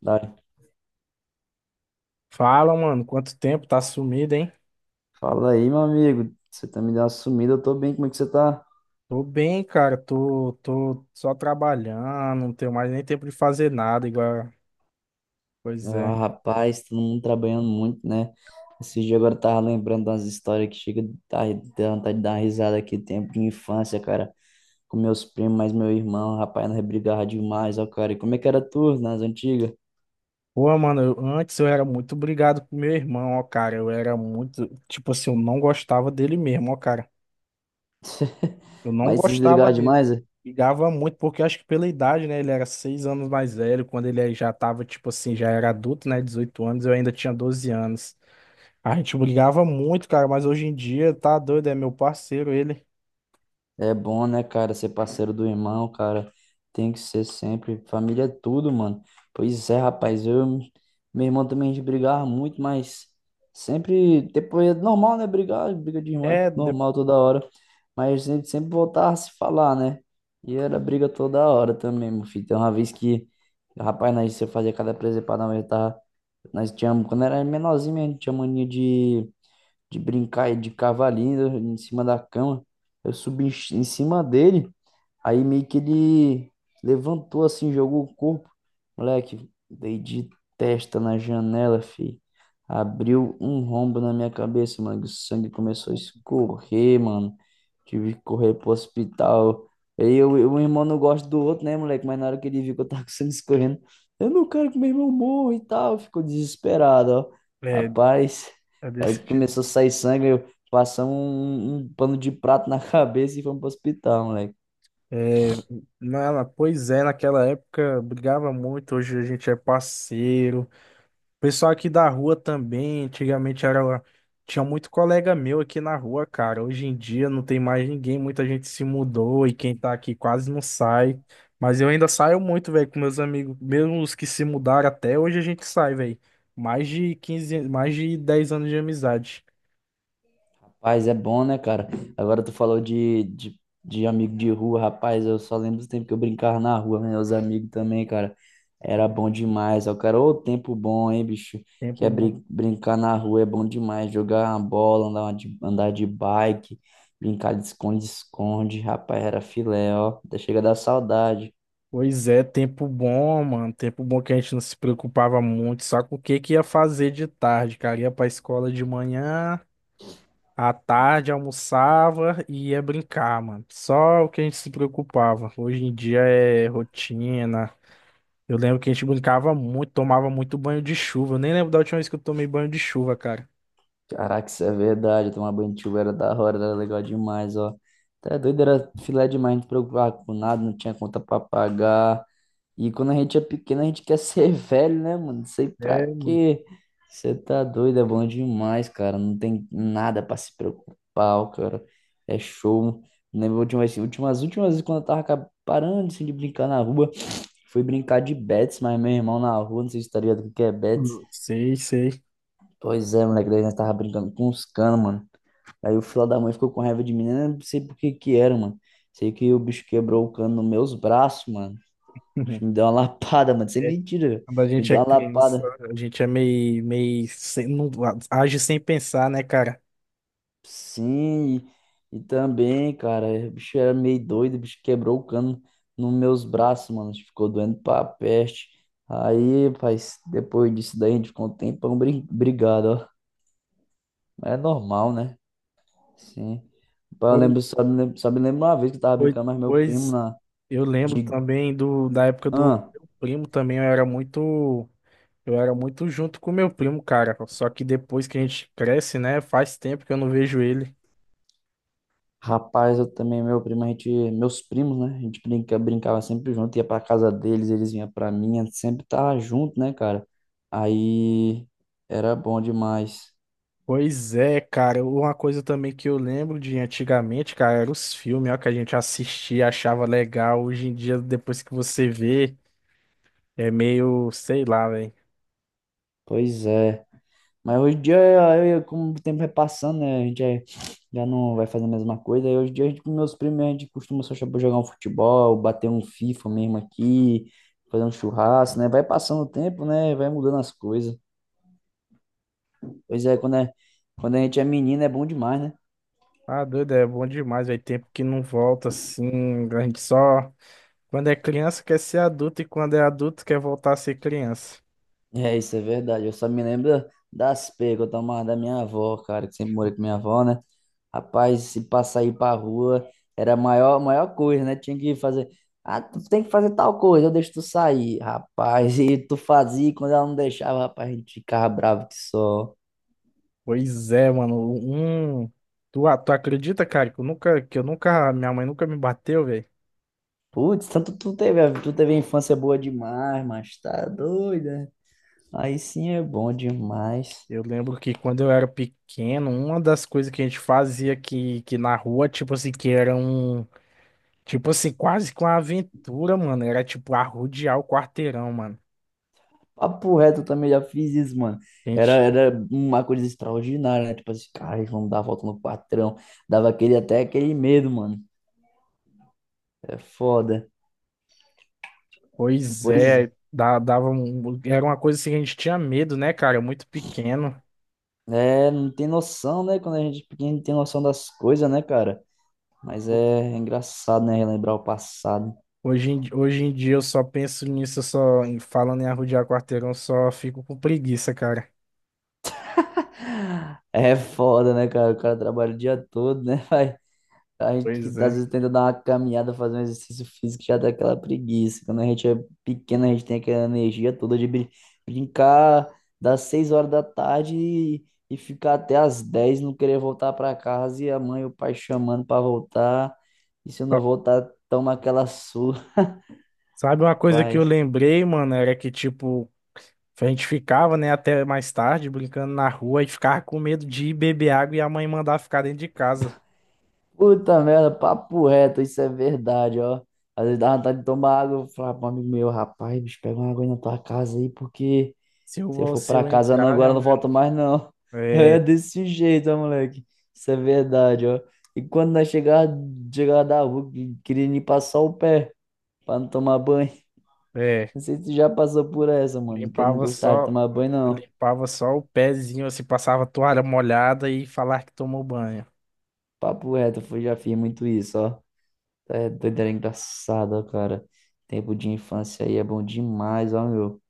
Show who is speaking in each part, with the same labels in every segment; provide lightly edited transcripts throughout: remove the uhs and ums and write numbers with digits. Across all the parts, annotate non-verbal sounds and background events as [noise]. Speaker 1: Dai,
Speaker 2: Fala, mano, quanto tempo? Tá sumido, hein?
Speaker 1: fala aí, meu amigo. Você tá me dando uma sumida, eu tô bem, como é que você tá?
Speaker 2: Tô bem, cara. Tô só trabalhando, não tenho mais nem tempo de fazer nada, igual. Pois é.
Speaker 1: Ah, rapaz, todo mundo trabalhando muito, né? Esse dia agora eu tava lembrando das histórias que chega a dar dá vontade de dar uma risada aqui, tempo de infância, cara, com meus primos, mas meu irmão, rapaz, nós brigava demais, ó, cara. E como é que era tu nas antigas?
Speaker 2: Pô, mano, antes eu era muito brigado com meu irmão, ó, cara. Eu era muito. Tipo assim, eu não gostava dele mesmo, ó, cara.
Speaker 1: [laughs]
Speaker 2: Eu não
Speaker 1: Mas vocês
Speaker 2: gostava
Speaker 1: brigavam
Speaker 2: dele.
Speaker 1: demais?
Speaker 2: Brigava muito, porque acho que pela idade, né? Ele era 6 anos mais velho. Quando ele já tava, tipo assim, já era adulto, né? 18 anos, eu ainda tinha 12 anos. A gente brigava muito, cara, mas hoje em dia tá doido, é meu parceiro ele.
Speaker 1: É bom, né, cara, ser parceiro do irmão, cara. Tem que ser sempre. Família é tudo, mano. Pois é, rapaz. Eu, meu irmão também a gente brigava muito, mas sempre. Depois é normal, né? Brigar, briga de irmão é
Speaker 2: É, de-
Speaker 1: normal toda hora. Mas a gente sempre voltava a se falar, né? E era briga toda hora também, meu filho. Tem uma vez que, rapaz, nós você fazia cada presepada, nós tava. Nós tínhamos, quando era menorzinho, a gente tinha mania de brincar de cavalinho em cima da cama. Eu subi em cima dele. Aí meio que ele levantou assim, jogou o corpo. Moleque, dei de testa na janela, fi. Abriu um rombo na minha cabeça, mano. O sangue começou a escorrer, mano. Tive que correr pro hospital. Aí eu, o irmão não gosta do outro, né, moleque? Mas na hora que ele viu que eu tava com sangue escorrendo, eu não quero que meu irmão morra e tal. Ficou desesperado, ó.
Speaker 2: é,
Speaker 1: Rapaz,
Speaker 2: é
Speaker 1: aí
Speaker 2: desse jeito.
Speaker 1: começou a sair sangue. Eu passamos um pano de prato na [laughs] cabeça e fomos pro hospital, moleque.
Speaker 2: É, pois é, naquela época brigava muito, hoje a gente é parceiro. O pessoal aqui da rua também, antigamente era, tinha muito colega meu aqui na rua, cara. Hoje em dia não tem mais ninguém, muita gente se mudou e quem tá aqui quase não sai. Mas eu ainda saio muito, velho, com meus amigos, mesmo os que se mudaram até hoje a gente sai, velho. Mais de 15, mais de 10 anos de amizade.
Speaker 1: Rapaz, é bom, né, cara? Agora tu falou de amigo de rua, rapaz, eu só lembro do tempo que eu brincava na rua, meus amigos também, cara. Era bom demais, ó, cara, ô tempo bom, hein, bicho? Que
Speaker 2: Tempo
Speaker 1: é
Speaker 2: bom.
Speaker 1: brincar na rua é bom demais, jogar uma bola, andar de bike, brincar de esconde-esconde, rapaz, era filé, ó, até chega a dar saudade.
Speaker 2: Pois é, tempo bom, mano. Tempo bom que a gente não se preocupava muito, só com o que que ia fazer de tarde, cara. Ia pra escola de manhã, à tarde almoçava e ia brincar, mano. Só o que a gente se preocupava. Hoje em dia é rotina. Eu lembro que a gente brincava muito, tomava muito banho de chuva. Eu nem lembro da última vez que eu tomei banho de chuva, cara.
Speaker 1: Caraca, isso é verdade, tomar banho de chuva era da hora, era legal demais, ó. Tá doido, era filé demais, não te preocupava com nada, não tinha conta pra pagar. E quando a gente é pequeno, a gente quer ser [laughs] velho, né, mano? Não sei pra
Speaker 2: É, mano.
Speaker 1: quê. Você tá doido, é bom demais, cara. Não tem nada pra se preocupar, cara. É show. Lembro últimas vezes quando eu tava parando assim, de brincar na rua. [sniffs] Fui brincar de bets, mas meu irmão na rua, não sei se tá ligado o que que é bets.
Speaker 2: Sei, sei.
Speaker 1: Pois é, moleque, daí nós tava brincando com os canos, mano. Aí o filho da mãe ficou com raiva de mim, né? Não sei por que que era, mano. Sei que o bicho quebrou o cano nos meus braços, mano. Me
Speaker 2: [laughs]
Speaker 1: deu uma lapada, mano. Sem
Speaker 2: É,
Speaker 1: mentira, velho.
Speaker 2: quando a
Speaker 1: Me
Speaker 2: gente é
Speaker 1: deu uma
Speaker 2: criança,
Speaker 1: lapada.
Speaker 2: a gente é meio, meio, sem- não age sem pensar, né, cara?
Speaker 1: Sim. E também, cara, o bicho era meio doido. O bicho quebrou o cano nos meus braços, mano. Ficou doendo pra peste. Aí, pai, depois disso daí, a gente ficou um tempão brigado, ó. É normal, né? Sim. Pai, eu
Speaker 2: Pois,
Speaker 1: lembro, só me lembro uma vez que eu tava
Speaker 2: pois,
Speaker 1: brincando mais meu primo
Speaker 2: pois,
Speaker 1: na...
Speaker 2: eu lembro
Speaker 1: De...
Speaker 2: também da época do
Speaker 1: Hã?
Speaker 2: meu primo também, eu era muito junto com meu primo, cara. Só que depois que a gente cresce, né, faz tempo que eu não vejo ele.
Speaker 1: Rapaz, eu também, meu primo, a gente, meus primos, né? A gente brincava sempre junto, ia pra casa deles, eles vinham pra mim, a gente sempre tava junto, né, cara? Aí era bom demais.
Speaker 2: Pois é, cara, uma coisa também que eu lembro de antigamente, cara, eram os filmes, ó, que a gente assistia, achava legal. Hoje em dia, depois que você vê, é meio, sei lá, velho.
Speaker 1: Pois é. Mas hoje em dia, eu, como o tempo vai passando, né? Já não vai fazer a mesma coisa. Aí hoje em dia, a gente, com meus primos, a gente costuma só jogar um futebol, bater um FIFA mesmo aqui, fazer um churrasco, né? Vai passando o tempo, né? Vai mudando as coisas. Pois é, quando a gente é menino, é bom demais, né?
Speaker 2: Ah, doido, é bom demais, velho. Tempo que não volta assim. A gente só. Quando é criança quer ser adulto e quando é adulto quer voltar a ser criança.
Speaker 1: É, isso é verdade. Eu só me lembro das pegas que eu tomava da minha avó, cara, que sempre morei com minha avó, né? Rapaz, se passar aí pra rua, era a maior coisa, né? Tinha que fazer. Ah, tu tem que fazer tal coisa, eu deixo tu sair. Rapaz, [laughs] e tu fazia, e quando ela não deixava, rapaz, a gente ficava bravo que só.
Speaker 2: Pois é, mano. Um. Tu acredita, cara, que eu nunca, minha mãe nunca me bateu, velho.
Speaker 1: Putz, tanto tu teve a infância boa demais, mas tá doida. Aí sim é bom demais.
Speaker 2: Eu lembro que quando eu era pequeno, uma das coisas que a gente fazia que na rua, tipo assim, tipo assim, quase com uma aventura, mano, era tipo arrodear o quarteirão, mano.
Speaker 1: Papo reto, eu também já fiz isso, mano. Era uma coisa extraordinária, né? Tipo assim, cara, vamos dar a volta no patrão. Dava aquele, até aquele medo, mano. É foda.
Speaker 2: Pois
Speaker 1: Pois
Speaker 2: é, dava um, era uma coisa assim que a gente tinha medo, né, cara? Muito pequeno.
Speaker 1: é, não tem noção, né? Quando a gente é pequeno, não tem noção das coisas, né, cara? Mas é engraçado, né? Relembrar o passado.
Speaker 2: Hoje em dia eu só penso nisso, falando em arrodear quarteirão, eu só fico com preguiça, cara.
Speaker 1: É foda, né, cara? O cara trabalha o dia todo, né? [laughs] A gente que
Speaker 2: Pois
Speaker 1: às
Speaker 2: é.
Speaker 1: vezes tenta dar uma caminhada, fazer um exercício físico, já dá aquela preguiça. Quando a gente é pequeno, a gente tem aquela energia toda de brincar das 6 horas da tarde e ficar até as 10, não querer voltar para casa e a mãe e o pai chamando para voltar. E se eu não
Speaker 2: Só-
Speaker 1: voltar, toma aquela surra,
Speaker 2: Sabe uma coisa que eu
Speaker 1: rapaz.
Speaker 2: lembrei, mano, era que tipo, a gente ficava, né, até mais tarde brincando na rua e ficava com medo de ir beber água e a mãe mandar ficar dentro de casa.
Speaker 1: Puta merda, papo reto, isso é verdade, ó. Às vezes dá vontade de tomar água, eu falava pro amigo meu, rapaz, bicho, pega uma água aí na tua casa aí, porque. Se eu for
Speaker 2: Se
Speaker 1: pra
Speaker 2: eu
Speaker 1: casa não,
Speaker 2: entrar,
Speaker 1: agora
Speaker 2: minha
Speaker 1: eu não
Speaker 2: mãe.
Speaker 1: volto mais não. [laughs] É
Speaker 2: É,
Speaker 1: desse jeito, ó, moleque. Isso é verdade, ó. E quando nós chegava da rua, queria nem passar o pé pra não tomar banho. [laughs]
Speaker 2: é.
Speaker 1: Não sei se tu já passou por essa, mano, que eu não
Speaker 2: Limpava
Speaker 1: gostava de
Speaker 2: só.
Speaker 1: tomar banho, não.
Speaker 2: Limpava só o pezinho, assim, passava toalha molhada e falar que tomou banho.
Speaker 1: Papo reto, já fiz muito isso, ó. Tá, é doido, era engraçado, ó, cara. Tempo de infância aí é bom demais, ó, meu.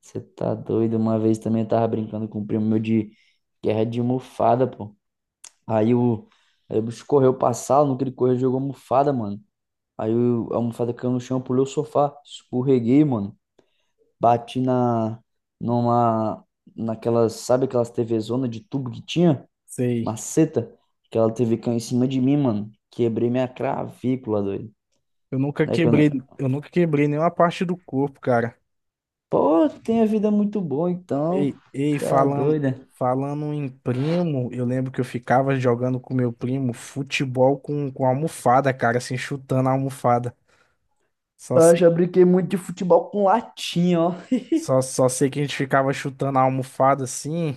Speaker 1: Você tá doido? Uma vez também eu tava brincando com o primo meu de guerra de almofada, pô. Aí o, aí o bicho correu pra sala, no que ele correu, jogou a almofada, mano. A almofada caiu no chão, pulei o sofá, escorreguei, mano. Bati na, numa, naquelas, sabe aquelas TV zona de tubo que tinha?
Speaker 2: Sei.
Speaker 1: Maceta. Aquela TV caiu em cima de mim, mano. Quebrei minha cravícula, doido.
Speaker 2: Eu nunca
Speaker 1: Aí quando...
Speaker 2: quebrei, eu nunca quebrei nenhuma parte do corpo, cara.
Speaker 1: Pô, tem a vida muito boa, então.
Speaker 2: Ei, ei,
Speaker 1: Tá
Speaker 2: falando,
Speaker 1: doida.
Speaker 2: falando em primo, eu lembro que eu ficava jogando com meu primo futebol com almofada, cara, assim, chutando a almofada. Só
Speaker 1: Eu
Speaker 2: sei,
Speaker 1: já brinquei muito de futebol com latinha, ó.
Speaker 2: só sei que a gente ficava chutando a almofada assim.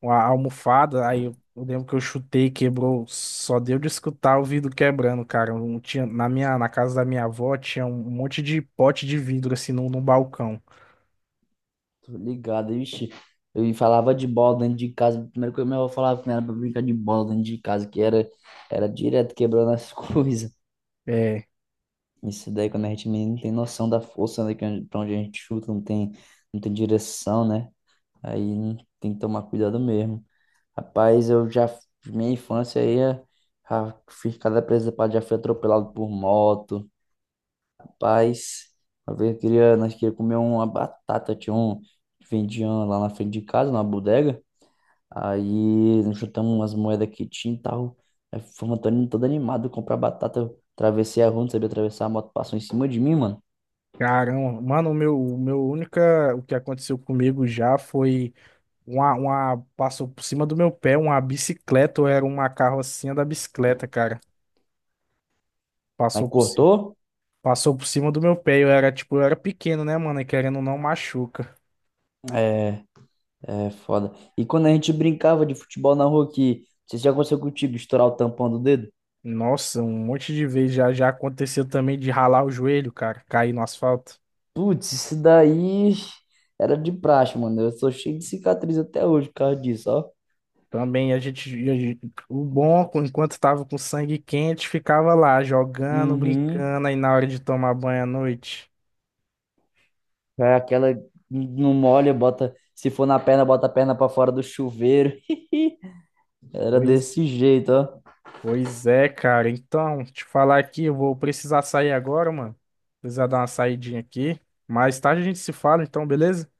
Speaker 2: Uma almofada, eu lembro que eu chutei, quebrou, só deu de escutar o vidro quebrando, cara. Não tinha, na minha, na casa da minha avó tinha um monte de pote de vidro assim no balcão.
Speaker 1: Tô ligado, vixe. Eu falava de bola dentro de casa. Primeiro que eu meu avô falava que não era pra brincar de bola dentro de casa, era direto quebrando as [laughs] coisas.
Speaker 2: É,
Speaker 1: Isso daí, quando a gente é menino, não tem noção da força, né? Que pra onde a gente chuta, não tem direção, né? Aí tem que tomar cuidado mesmo. Rapaz, eu já, minha infância aí, é, já fiz cada presa pra já fui atropelado por moto. Rapaz, uma vez nós queríamos comer uma batata, tinha um, vendiam lá na frente de casa, numa bodega. Aí nós chutamos umas moedas que tinha e tal. Aí fomos todo animado comprar batata. Eu atravessei a rua, não sabia atravessar, a moto passou em cima de mim, mano.
Speaker 2: caramba, mano, o meu única, o que aconteceu comigo já foi passou por cima do meu pé uma bicicleta, ou era uma carrocinha da bicicleta, cara.
Speaker 1: Aí
Speaker 2: Passou por cima.
Speaker 1: cortou.
Speaker 2: Passou por cima do meu pé, eu era tipo, eu era pequeno, né, mano? E querendo ou não machuca.
Speaker 1: É, é foda. E quando a gente brincava de futebol na rua aqui, não sei se já aconteceu contigo, estourar o tampão do dedo.
Speaker 2: Nossa, um monte de vezes já aconteceu também de ralar o joelho, cara, cair no asfalto.
Speaker 1: Putz, isso daí era de praxe, mano. Eu sou cheio de cicatriz até hoje por causa disso, ó.
Speaker 2: Também o bom, enquanto tava com sangue quente, ficava lá jogando,
Speaker 1: Uhum.
Speaker 2: brincando aí na hora de tomar banho à noite.
Speaker 1: É aquela não molha, bota. Se for na perna, bota a perna pra fora do chuveiro. [laughs] Era
Speaker 2: Pois,
Speaker 1: desse jeito, ó.
Speaker 2: pois é, cara. Então, te falar aqui, eu vou precisar sair agora, mano. Precisar dar uma saidinha aqui. Mais tarde a gente se fala, então, beleza?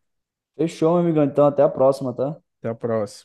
Speaker 1: Fechou, meu amigão. Então, até a próxima, tá?
Speaker 2: Até a próxima.